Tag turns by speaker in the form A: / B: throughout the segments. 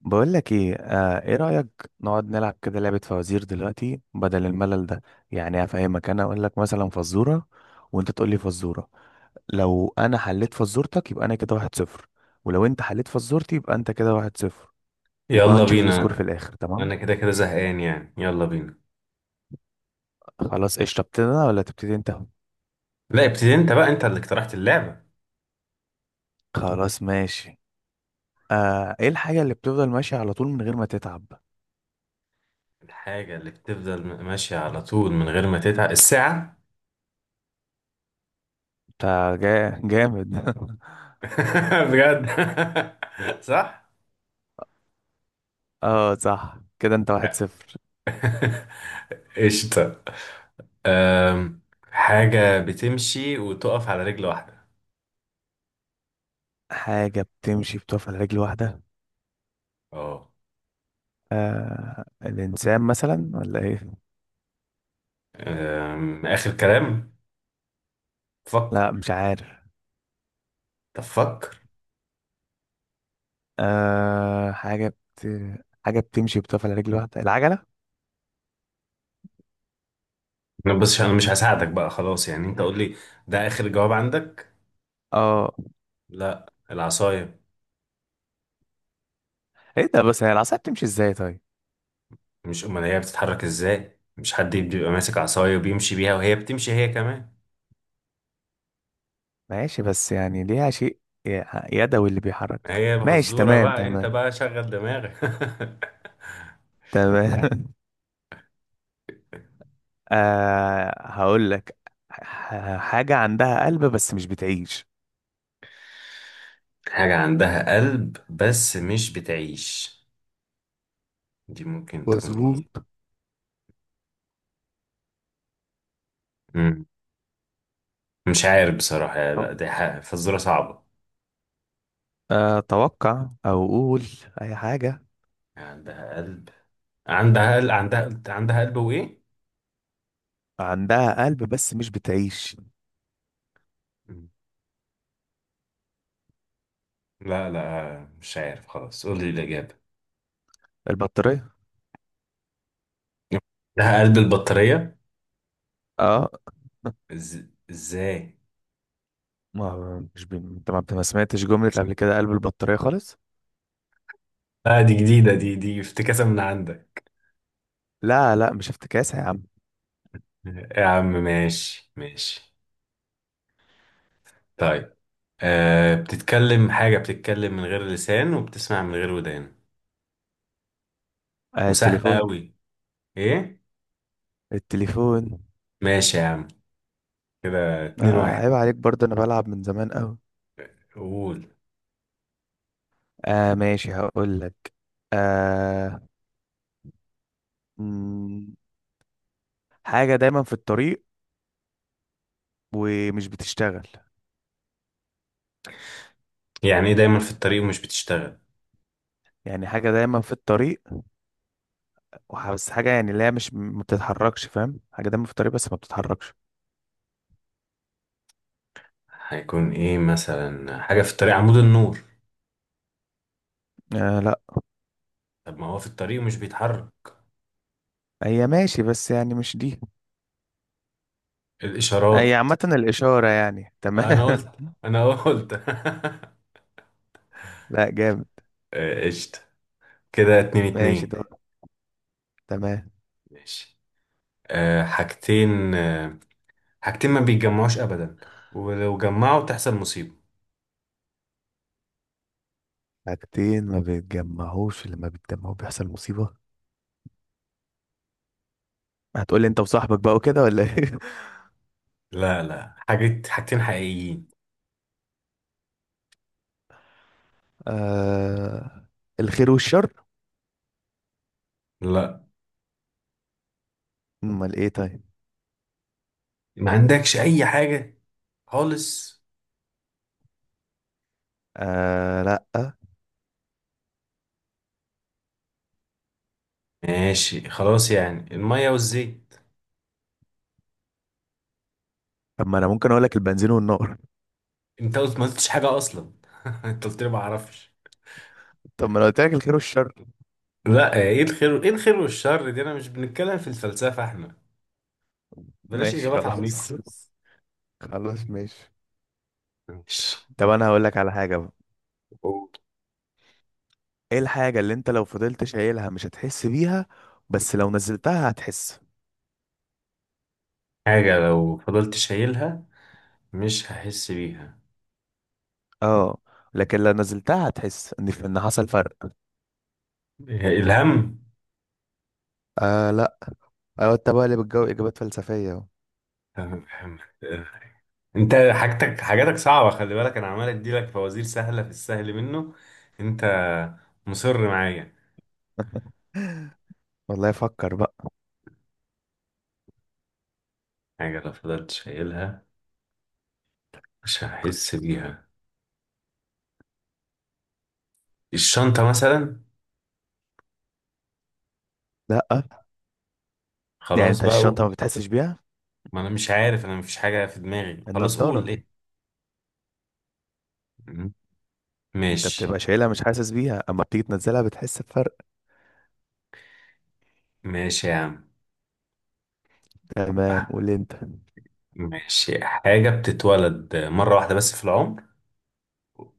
A: بقول لك ايه، ايه رأيك نقعد نلعب كده لعبة فوازير دلوقتي بدل الملل ده؟ يعني افهمك، انا اقول لك مثلا فزورة وانت تقول لي فزورة. لو انا حليت فزورتك يبقى انا كده 1-0، ولو انت حليت فزورتي يبقى انت كده 1-0، وبقى
B: يلا
A: نشوف السكور في
B: بينا.
A: الاخر. تمام؟
B: انا كده كده زهقان يعني، يلا بينا.
A: خلاص، ايش، ابتدي انا ولا تبتدي انت؟
B: لا ابتدي انت بقى، انت اللي اقترحت اللعبة.
A: خلاص ماشي. ايه الحاجة اللي بتفضل ماشية على طول من غير ما تتعب؟
B: الحاجة اللي بتفضل ماشية على طول من غير ما تتعب الساعة.
A: انت. جامد.
B: بجد. صح.
A: اه صح، كده انت 1-0.
B: قشطة. أم، حاجة بتمشي وتقف على رجل واحدة.
A: حاجة بتمشي بتقف على رجل واحدة.
B: اه.
A: الإنسان مثلا ولا إيه؟
B: آخر كلام، فكر.
A: لا، مش عارف.
B: طب فكر.
A: آه حاجة بت... حاجة بتمشي بتقف على رجل واحدة، العجلة؟
B: أنا بس، أنا مش هساعدك بقى، خلاص يعني، أنت قول لي. ده آخر جواب عندك؟
A: اه.
B: لا، العصاية.
A: ايه ده؟ بس هي العصاية بتمشي ازاي طيب؟
B: مش امال هي بتتحرك ازاي؟ مش حد بيبقى ماسك عصايه وبيمشي بيها، وهي بتمشي هي كمان.
A: ماشي، بس يعني ليها شيء ي- يدوي اللي بيحرك.
B: هي
A: ماشي،
B: بهزوره،
A: تمام
B: بقى انت
A: تمام.
B: بقى شغل دماغك.
A: تمام. هقول لك. حاجة عندها قلب بس مش بتعيش.
B: حاجه عندها قلب بس مش بتعيش، دي ممكن تكون ايه؟
A: مظبوط.
B: مم. مش عارف بصراحه، لا دي حاجة فزوره صعبه.
A: اتوقع او اقول اي حاجه.
B: عندها قلب؟ عندها قلب؟ عندها قلب وايه؟
A: عندها قلب بس مش بتعيش.
B: مم. لا لا مش عارف، خلاص قول لي الاجابه.
A: البطاريه.
B: عندها قلب البطاريه؟
A: اه.
B: إز- ازاي؟
A: ما مش بي... انت ما سمعتش جملة قبل كده قلب البطارية خالص.
B: لا دي جديده، دي افتكاسه من عندك.
A: لا، لا، مش افتكاسة يا عم.
B: يا عم ماشي ماشي. طيب، أه بتتكلم، حاجة بتتكلم من غير لسان وبتسمع من غير ودان، وسهلة
A: التليفون.
B: أوي. إيه؟
A: التليفون.
B: ماشي يا عم، كده اتنين واحد.
A: عيب عليك برضه، انا بلعب من زمان قوي.
B: قول.
A: ماشي، هقول لك. آه مم، حاجة دايما في الطريق ومش بتشتغل.
B: يعني إيه دايما في الطريق ومش بتشتغل؟
A: يعني حاجة دايما في الطريق، بس حاجة يعني اللي هي مش ما بتتحركش، فاهم؟ حاجة دايما في الطريق بس ما بتتحركش.
B: هيكون إيه مثلا؟ حاجة في الطريق، عمود النور.
A: لا،
B: طب ما هو في الطريق ومش بيتحرك.
A: هي ماشي بس يعني مش دي. هي
B: الإشارات.
A: عامة الإشارة يعني.
B: أنا قلت،
A: تمام.
B: أنا قلت.
A: لا، جامد.
B: آه، قشطة. كده اتنين
A: ماشي
B: اتنين.
A: ده. تمام.
B: ماشي. أه حاجتين، أه، حاجتين ما بيتجمعوش ابدا، ولو جمعوا تحصل مصيبة.
A: حاجتين ما بيتجمعوش لما بيتجمعوا بيحصل مصيبة. هتقولي انت وصاحبك بقى وكده ولا ايه؟
B: لا لا، حاجات، حاجتين حقيقيين.
A: آه... الخير والشر.
B: لا،
A: امال ايه طيب؟
B: ما عندكش اي حاجة خالص.
A: لا.
B: ماشي، خلاص يعني، المية والزيت.
A: طب ما انا ممكن اقول لك البنزين والنار.
B: انت قلت، ما قلتش حاجة اصلا. انت قلت لي ما اعرفش.
A: طب ما انا قلت لك الخير والشر.
B: لا ايه الخير، ايه الخير والشر دي؟ انا مش بنتكلم في الفلسفة احنا، بلاش
A: ماشي
B: اجابات
A: خلاص.
B: عميقة.
A: خلاص ماشي.
B: ماشي.
A: طب انا هقول لك على حاجة بقى.
B: قول.
A: ايه الحاجة اللي انت لو فضلت شايلها مش هتحس بيها، بس لو نزلتها هتحس؟
B: حاجة لو فضلت شايلها مش هحس بيها؟
A: اه، لكن لو نزلتها هتحس ان حصل فرق.
B: إيه، الهم.
A: لا. ايوه، انت بقى اللي بتجاوب اجابات فلسفية اهو.
B: انت حاجتك، حاجاتك صعبة، خلي بالك انا عمال اديلك فوازير سهلة، في السهل منه. انت مصر معايا.
A: والله فكر بقى.
B: حاجة لو فضلت شايلها مش هحس بيها، الشنطة مثلا.
A: لا، يعني
B: خلاص
A: انت
B: بقى، ايوه قول.
A: الشنطة ما بتحسش بيها.
B: ما انا مش عارف، انا مفيش حاجة في دماغي، خلاص قول
A: النضارة.
B: ايه. مم.
A: انت
B: ماشي.
A: بتبقى شايلها مش حاسس بيها، اما بتيجي تنزلها بتحس بفرق.
B: ماشي يا عم.
A: تمام.
B: آه،
A: قول انت.
B: ماشي، حاجة بتتولد مرة واحدة بس في العمر،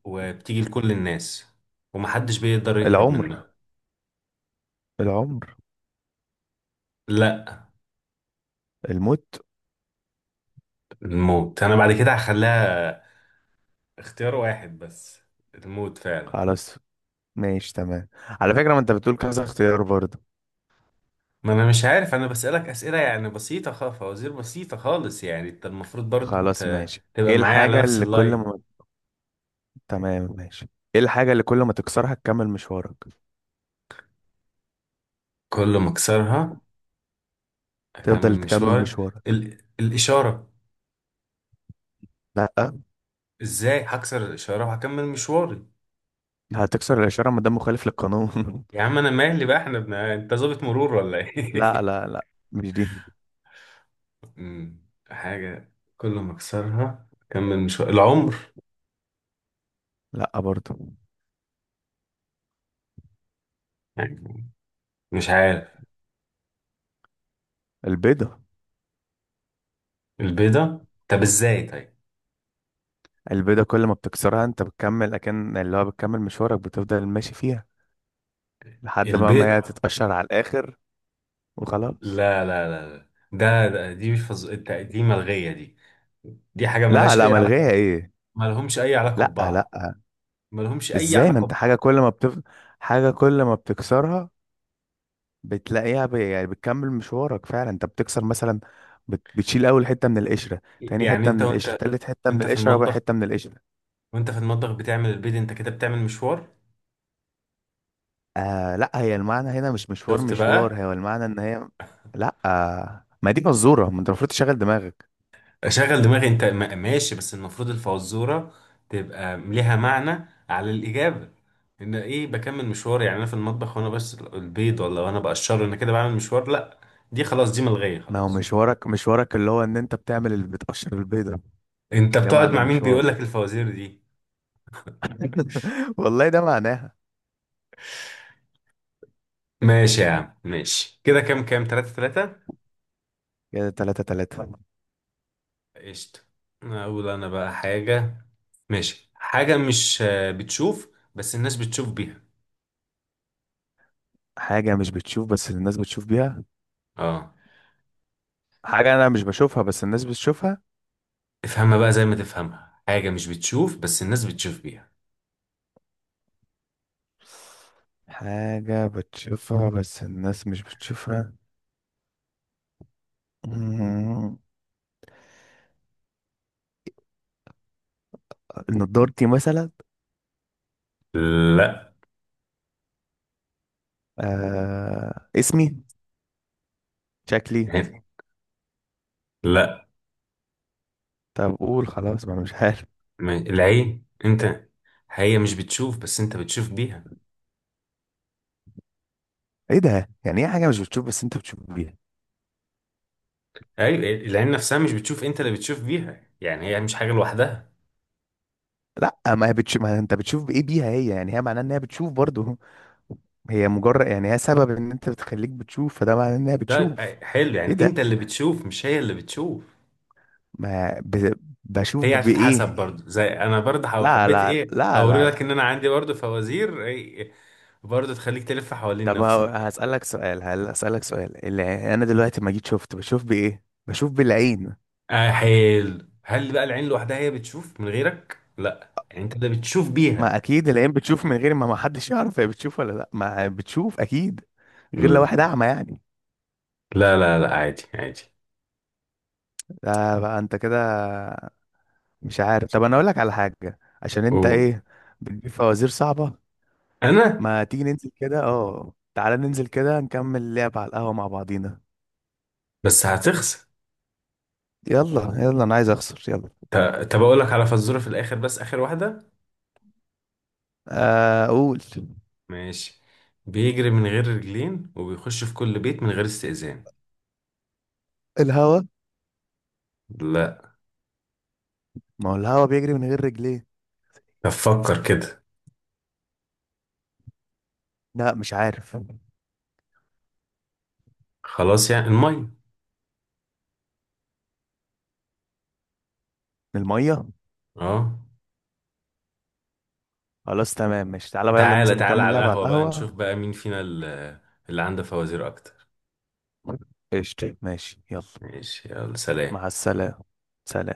B: وبتيجي لكل الناس، ومحدش بيقدر يهرب
A: العمر.
B: منها.
A: العمر.
B: لا.
A: الموت.
B: الموت؟ انا بعد كده هخليها اختيار واحد بس. الموت فعلا.
A: خلاص، ماشي، تمام. على فكرة ما انت بتقول كذا اختيار برضه.
B: ما انا مش عارف، انا بسألك اسئلة يعني بسيطة خالص، فوازير بسيطة خالص، يعني انت المفروض برضو
A: خلاص ماشي،
B: تبقى
A: ايه
B: معايا على
A: الحاجة
B: نفس
A: اللي كل
B: اللاين.
A: ما تمام ماشي. ايه الحاجة اللي كل ما تكسرها تكمل مشوارك؟
B: كل ما اكسرها اكمل
A: تفضل تكمل
B: مشواري؟
A: مشوارك.
B: الاشارة.
A: لا،
B: ازاي هكسر الاشارة وهكمل مشواري؟
A: هتكسر الإشارة ما دام مخالف للقانون.
B: يا عم انا مالي بقى، احنا انت ظابط مرور ولا
A: لا،
B: ايه؟
A: لا، لا، مش دي.
B: أمم، حاجة كل ما اكسرها اكمل مشواري، العمر؟
A: لا برضه.
B: يعني مش عارف.
A: البيضة.
B: البيضة؟ طب ازاي طيب؟
A: البيضة كل ما بتكسرها انت بتكمل اكن اللي هو بتكمل مشوارك بتفضل ماشي فيها لحد ما
B: البيض؟
A: ما هي تتقشر على الاخر وخلاص.
B: لا لا لا لا. ده دي مش فز... الت- دي ملغية دي، دي حاجة
A: لا،
B: ملهاش
A: لا،
B: أي
A: ملغيها
B: علاقة.
A: ايه؟
B: ملهمش أي علاقة
A: لا، لا.
B: ببعض. ملهمش أي
A: ازاي، ما
B: علاقة
A: انت
B: ببعض.
A: حاجة كل ما بتكسرها بتلاقيها يعني بتكمل مشوارك. فعلا انت بتكسر مثلا بتشيل اول حتة من القشرة، تاني
B: يعني
A: حتة
B: أنت،
A: من القشرة،
B: وأنت،
A: تالت حتة من
B: وأنت في
A: القشرة، رابع
B: المطبخ،
A: حتة من القشرة.
B: وأنت في المطبخ بتعمل البيض، أنت كده بتعمل مشوار؟
A: لا، هي المعنى هنا مش مشوار،
B: شفت بقى.
A: مشوار هو المعنى ان هي. لا، ما دي مزورة، ما انت المفروض تشغل دماغك.
B: أشغل دماغي، أنت ماشي، بس المفروض الفزورة تبقى ليها معنى على الإجابة، إن إيه بكمل مشوار؟ يعني أنا في المطبخ وأنا بس البيض، ولا وأنا بقشره أنا كده بعمل مشوار؟ لا، دي خلاص، دي ملغية
A: ما هو
B: خلاص.
A: مشوارك، مشوارك اللي هو ان انت بتعمل اللي بتقشر البيضة.
B: أنت
A: ده
B: بتقعد
A: معنى
B: مع مين بيقول
A: المشوار.
B: لك الفوازير دي؟
A: والله ده معناها.
B: ماشي يا عم ماشي، كده كام كام، تلاتة تلاتة.
A: كده 3-3.
B: قشطة. أقول أنا بقى حاجة. ماشي، حاجة مش آه، بتشوف، بس الناس بتشوف بيها.
A: حاجة مش بتشوف بس الناس بتشوف بيها.
B: اه.
A: حاجة انا مش بشوفها بس الناس بتشوفها.
B: افهمها بقى زي ما تفهمها، حاجة مش بتشوف بس الناس بتشوف بيها.
A: حاجة بتشوفها بس الناس مش بتشوفها. مم. نضارتي مثلا.
B: لا
A: اسمي، شكلي.
B: لا،
A: طب قول خلاص، ما انا مش عارف.
B: العين. انت، هي مش بتشوف بس انت بتشوف بيها.
A: ايه ده؟ يعني ايه حاجة مش بتشوف بس انت بتشوف بيها؟
B: ايوه العين نفسها مش بتشوف، انت اللي بتشوف بيها، يعني هي مش حاجة لوحدها.
A: لا، ما هي بتشوف، ما انت بتشوف بايه بيها هي، يعني هي معناها ان هي بتشوف برضو. هي مجرد يعني هي سبب ان انت بتخليك بتشوف، فده معناه انها
B: طيب
A: بتشوف.
B: آه، حلو،
A: ايه
B: يعني
A: ده،
B: انت اللي بتشوف مش هي اللي بتشوف.
A: ما بشوف
B: هي
A: بايه؟
B: هتتحسب برضو، زي انا برضو
A: لا،
B: حبيت
A: لا،
B: ايه
A: لا، لا،
B: اوري
A: لا.
B: لك ان انا عندي برضو فوازير إيه، برضو تخليك تلف حوالين
A: طب
B: نفسك يعني.
A: هسألك سؤال، هل هسألك سؤال؟ اللي انا دلوقتي ما جيت شفت بشوف بايه، بشوف بالعين.
B: آه حلو، هل بقى العين لوحدها هي بتشوف من غيرك؟ لا، يعني انت اللي بتشوف بيها.
A: ما اكيد العين بتشوف من غير ما حدش يعرف هي بتشوف ولا لا، ما بتشوف اكيد. غير لو واحد اعمى يعني.
B: لا لا لا، عادي عادي.
A: ده بقى انت كده. مش عارف، طب انا اقول لك على حاجة عشان انت
B: و...
A: ايه. بتجيب فوازير صعبة.
B: انا.
A: ما تيجي ننزل كده، اه، تعالى ننزل كده نكمل لعب على القهوة مع بعضينا.
B: بس هتخسر.
A: يلا، يلا، انا عايز اخسر. يلا.
B: ط- طب اقول لك على فزوره في الاخر، بس اخر واحده.
A: اقول.
B: ماشي. بيجري من غير رجلين وبيخش في كل بيت من غير استئذان.
A: الهوا.
B: لا.
A: ما هو الهوا بيجري من غير رجليه.
B: طب فكر كده.
A: لا، مش عارف.
B: خلاص يعني، الميه.
A: المية.
B: اه.
A: خلاص تمام ماشي، تعالى بقى يلا
B: تعالى
A: ننزل
B: تعالى
A: نكمل
B: على
A: لعب على
B: القهوة بقى، نشوف
A: القهوة.
B: بقى مين فينا اللي، اللي عنده فوازير أكتر.
A: قشطة، ماشي، يلا.
B: ماشي يلا، سلام.
A: مع السلامة. سلام.